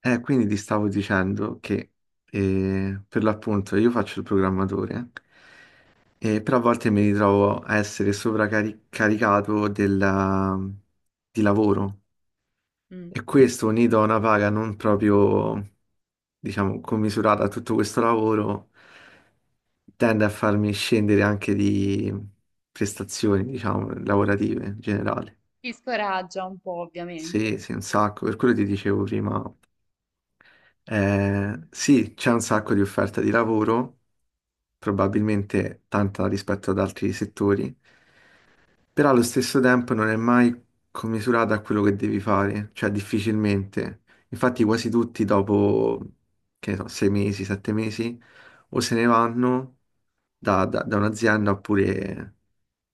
Quindi ti stavo dicendo che per l'appunto io faccio il programmatore, però a volte mi ritrovo a essere sovraccaricato di lavoro, e Mh. questo unito a una paga non proprio, diciamo, commisurata a tutto questo lavoro, tende a farmi scendere anche di prestazioni, diciamo, lavorative in generale. Ti scoraggia un po' Sì, ovviamente. sì, un sacco, per quello ti dicevo prima. Sì, c'è un sacco di offerta di lavoro, probabilmente tanta rispetto ad altri settori, però allo stesso tempo non è mai commisurata a quello che devi fare, cioè difficilmente. Infatti quasi tutti dopo, che ne so, sei mesi, sette mesi, o se ne vanno da un'azienda oppure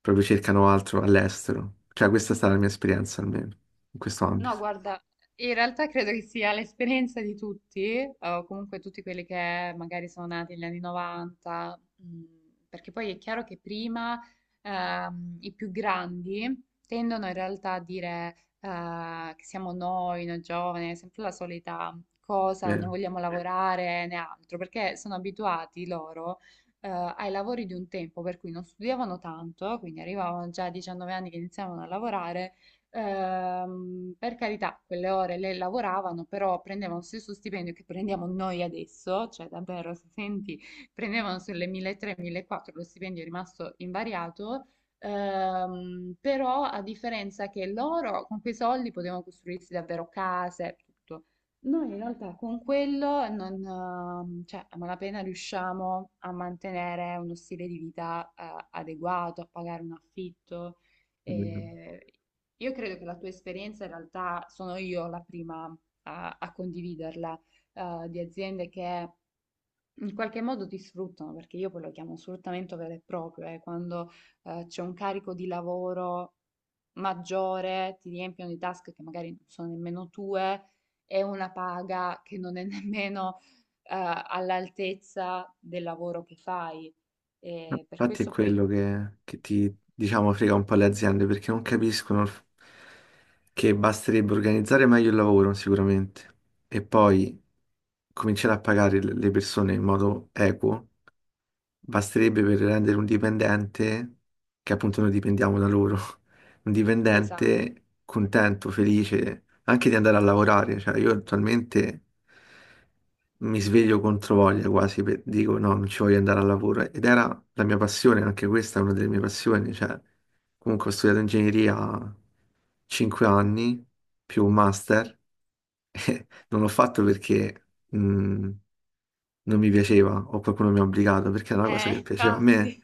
proprio cercano altro all'estero. Cioè questa è stata la mia esperienza almeno in questo No, ambito, guarda, in realtà credo che sia l'esperienza di tutti, o comunque tutti quelli che magari sono nati negli anni 90, perché poi è chiaro che prima i più grandi tendono in realtà a dire che siamo noi, noi giovani, è sempre la solita cosa, non vogliamo lavorare né altro, perché sono abituati loro eh, ai lavori di un tempo, per cui non studiavano tanto, quindi arrivavano già a 19 anni che iniziavano a lavorare. Per carità, quelle ore le lavoravano, però prendevano lo stesso stipendio che prendiamo noi adesso, cioè davvero, se senti, prendevano sulle 1300-1400, lo stipendio è rimasto invariato. Però a differenza che loro con quei soldi potevano costruirsi davvero case, tutto. Noi in realtà con quello non, cioè, a malapena riusciamo a mantenere uno stile di vita, adeguato, a pagare un affitto. vero? E io credo che la tua esperienza in realtà sono io la prima a condividerla, di aziende che in qualche modo ti sfruttano, perché io poi lo chiamo sfruttamento vero e proprio, quando c'è un carico di lavoro maggiore, ti riempiono di task che magari non sono nemmeno tue e una paga che non è nemmeno eh, all'altezza del lavoro che fai. No, E per infatti è questo poi, quello che ti, diciamo, frega un po' le aziende perché non capiscono che basterebbe organizzare meglio il lavoro sicuramente, e poi cominciare a pagare le persone in modo equo, basterebbe per rendere un dipendente, che appunto noi dipendiamo da loro, un esatto. dipendente contento, felice anche di andare a lavorare. Cioè, io attualmente mi sveglio contro voglia quasi, dico no, non ci voglio andare al lavoro. Ed era la mia passione, anche questa è una delle mie passioni. Cioè, comunque ho studiato ingegneria 5 anni più un master. Non l'ho fatto perché mm, non mi piaceva o qualcuno mi ha obbligato, perché era una cosa che piaceva a me, Infatti.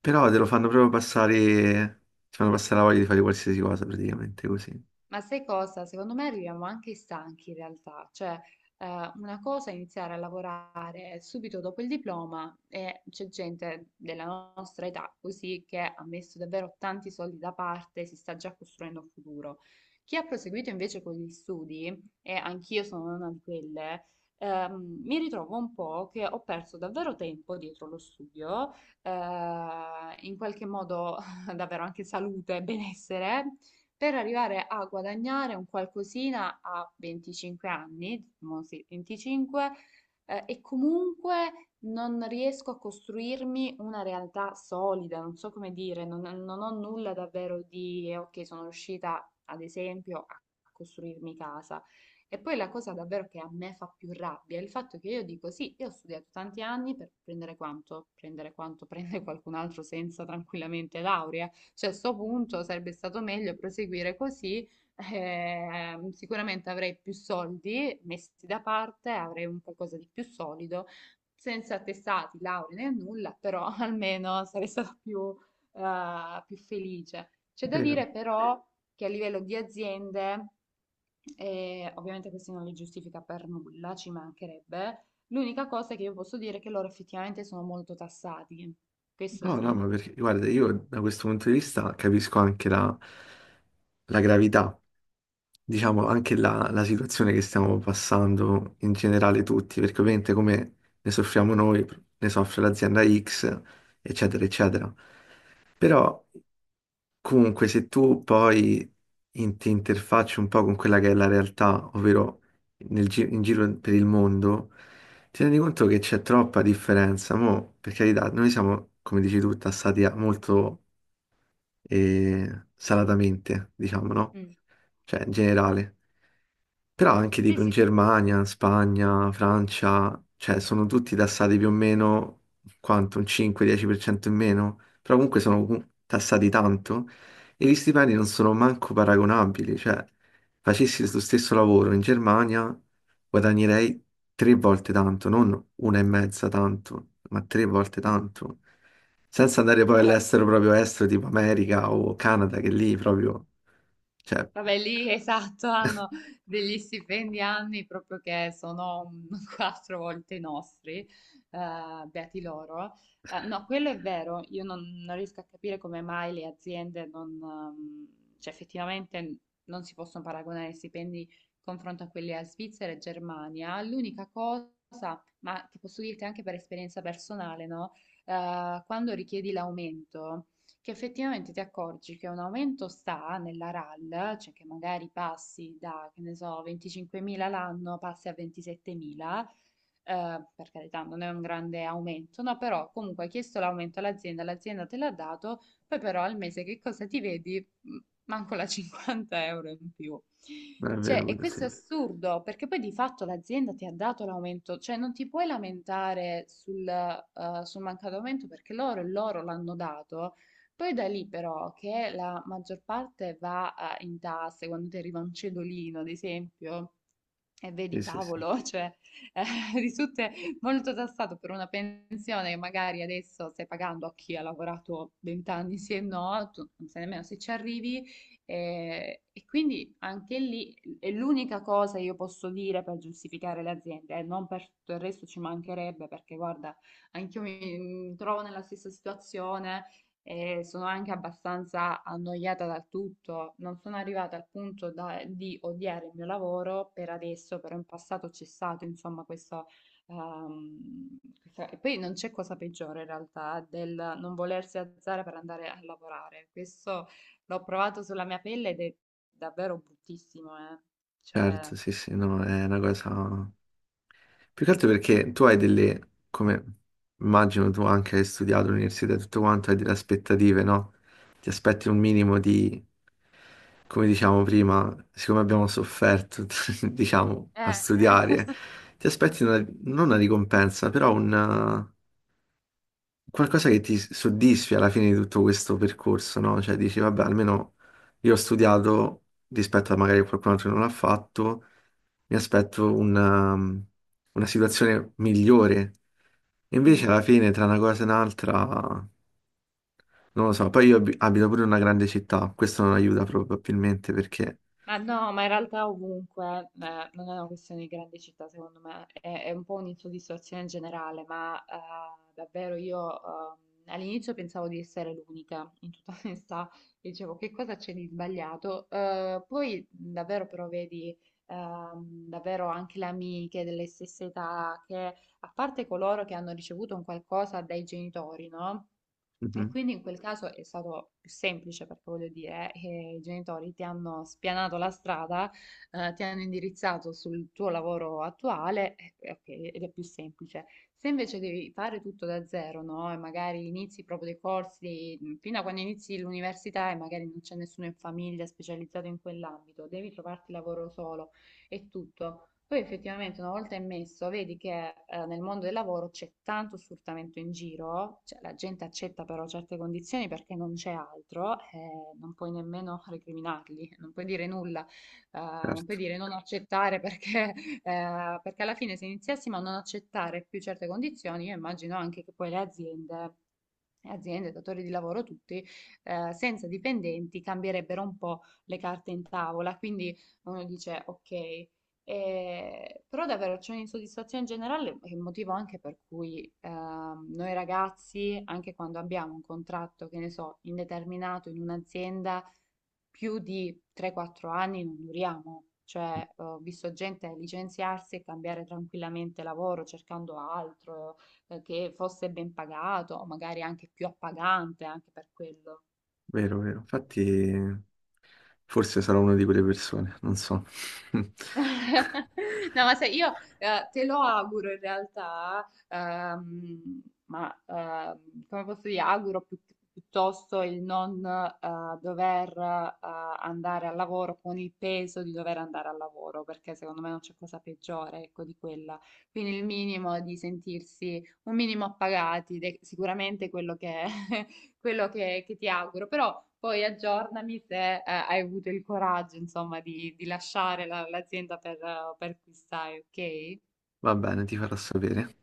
però te lo fanno proprio passare, ti fanno passare la voglia di fare qualsiasi cosa praticamente così. Ma sai cosa? Secondo me arriviamo anche stanchi in realtà, cioè una cosa è iniziare a lavorare subito dopo il diploma e c'è gente della nostra età così che ha messo davvero tanti soldi da parte, si sta già costruendo un futuro. Chi ha proseguito invece con gli studi, e anch'io sono una di quelle, mi ritrovo un po' che ho perso davvero tempo dietro lo studio, eh, in qualche modo davvero anche salute e benessere per arrivare a guadagnare un qualcosina a 25 anni, diciamo sì, 25, e comunque non riesco a costruirmi una realtà solida, non so come dire, non ho nulla davvero di, ok, sono riuscita ad esempio a costruirmi casa. E poi la cosa davvero che a me fa più rabbia è il fatto che io dico sì, io ho studiato tanti anni per prendere quanto prende qualcun altro senza tranquillamente laurea. Cioè, a sto punto sarebbe stato meglio proseguire così. Sicuramente avrei più soldi messi da parte, avrei un qualcosa di più solido, senza attestati, lauree né nulla, però almeno sarei stata più, più felice. C'è da Vero. dire però che a livello di aziende, ovviamente questo non li giustifica per nulla, ci mancherebbe. L'unica cosa che io posso dire è che loro effettivamente sono molto tassati. Questo No, no, sì. ma perché, guarda, io da questo punto di vista capisco anche la gravità, diciamo, anche la situazione che stiamo passando in generale tutti, perché ovviamente come ne soffriamo noi, ne soffre l'azienda X, eccetera, eccetera. Però comunque se tu poi ti interfacci un po' con quella che è la realtà, ovvero in giro per il mondo, ti rendi conto che c'è troppa differenza, mo? Per carità, noi siamo, come dici tu, tassati molto e salatamente, diciamo, no? Mm. Cioè, in generale. Però anche Sì, tipo in sì, sì. Germania, Spagna, Francia, cioè sono tutti tassati più o meno quanto, un 5-10% in meno, però comunque sono tassati tanto, e gli stipendi non sono manco paragonabili, cioè facessi lo stesso lavoro in Germania guadagnerei tre volte tanto, non una e mezza tanto, ma tre volte tanto. Senza andare poi Allora, all'estero proprio estero, tipo America o Canada, che lì proprio, cioè, è vabbè, lì esatto, hanno degli stipendi anni proprio che sono quattro volte i nostri, beati loro. No, quello è vero, io non riesco a capire come mai le aziende non, cioè effettivamente non si possono paragonare i stipendi in confronto a quelli a Svizzera e Germania. L'unica cosa, ma che posso dirti anche per esperienza personale, no? Quando richiedi l'aumento che effettivamente ti accorgi che un aumento sta nella RAL, cioè che magari passi da, che ne so, 25.000 l'anno, passi a 27.000, per carità non è un grande aumento, no, però comunque hai chiesto l'aumento all'azienda, l'azienda te l'ha dato, poi però al mese che cosa ti vedi? Manco la 50 € in più. Cioè, e vero, sì. questo è assurdo, perché poi di fatto l'azienda ti ha dato l'aumento, cioè non ti puoi lamentare sul, sul mancato aumento perché loro l'hanno dato poi da lì però che la maggior parte va in tasse, quando ti arriva un cedolino, ad esempio, e vedi Sì, sì, sì. cavolo, cioè eh, risulta molto tassato per una pensione che magari adesso stai pagando a chi ha lavorato 20 anni, sì e no, tu non sai nemmeno se ci arrivi. E quindi anche lì è l'unica cosa che io posso dire per giustificare le aziende, non per tutto il resto ci mancherebbe, perché guarda, anch'io mi trovo nella stessa situazione e sono anche abbastanza annoiata dal tutto. Non sono arrivata al punto di odiare il mio lavoro per adesso, però in passato c'è stato, insomma, questo. ehm, E poi non c'è cosa peggiore in realtà del non volersi alzare per andare a lavorare. Questo l'ho provato sulla mia pelle ed è davvero bruttissimo, eh. Cioè, Certo, sì, sì, no, è una cosa. Più che altro perché tu hai delle, come immagino tu anche hai studiato all'università e tutto quanto, hai delle aspettative, no? Ti aspetti un minimo di, come diciamo prima, siccome abbiamo sofferto, diciamo, a eh, eh. studiare, ti aspetti non una ricompensa, però un qualcosa che ti soddisfi alla fine di tutto questo percorso, no? Cioè dici, vabbè, almeno io ho studiato rispetto a magari qualcun altro che non l'ha fatto, mi aspetto una situazione migliore. E invece Mm. alla fine, tra una cosa e un'altra, non lo so, poi io abito pure in una grande città, questo non aiuta probabilmente perché... Ma no, ma in realtà ovunque, non è una questione di grandi città, secondo me, è un po' un'insoddisfazione generale, ma davvero io all'inizio pensavo di essere l'unica, in tutta onestà, dicevo che cosa c'è di sbagliato. Poi davvero però vedi davvero anche le amiche delle stesse età, che a parte coloro che hanno ricevuto un qualcosa dai genitori, no? E Mhm, quindi in quel caso è stato più semplice perché voglio dire che i genitori ti hanno spianato la strada, ti hanno indirizzato sul tuo lavoro attuale, ok, ed è più semplice. Se invece devi fare tutto da zero, no? E magari inizi proprio dei corsi fino a quando inizi l'università e magari non c'è nessuno in famiglia specializzato in quell'ambito, devi trovarti lavoro solo e tutto. Poi effettivamente una volta immesso, vedi che nel mondo del lavoro c'è tanto sfruttamento in giro, cioè la gente accetta però certe condizioni perché non c'è altro, non puoi nemmeno recriminarli, non puoi dire nulla, non puoi certo, dire non accettare perché, perché alla fine se iniziassimo a non accettare più certe condizioni, io immagino anche che poi le aziende, aziende, datori di lavoro tutti, senza dipendenti cambierebbero un po' le carte in tavola, quindi uno dice ok. Però davvero c'è un'insoddisfazione generale, che è il motivo anche per cui noi ragazzi, anche quando abbiamo un contratto, che ne so, indeterminato in un'azienda, più di 3-4 anni non duriamo. Cioè, ho visto gente licenziarsi e cambiare tranquillamente lavoro cercando altro, che fosse ben pagato, o magari anche più appagante, anche per quello. vero, vero. Infatti, forse sarò una di quelle persone, non so. No, ma sai, io te lo auguro in realtà, come posso dire, auguro piuttosto il non dover andare al lavoro con il peso di dover andare al lavoro, perché secondo me non c'è cosa peggiore, ecco, di quella. Quindi il minimo di sentirsi un minimo appagati, ed è sicuramente quello che, quello che ti auguro, però... Poi aggiornami se hai avuto il coraggio, insomma, di lasciare l'azienda per cui stai, ok? Va bene, ti farò sapere.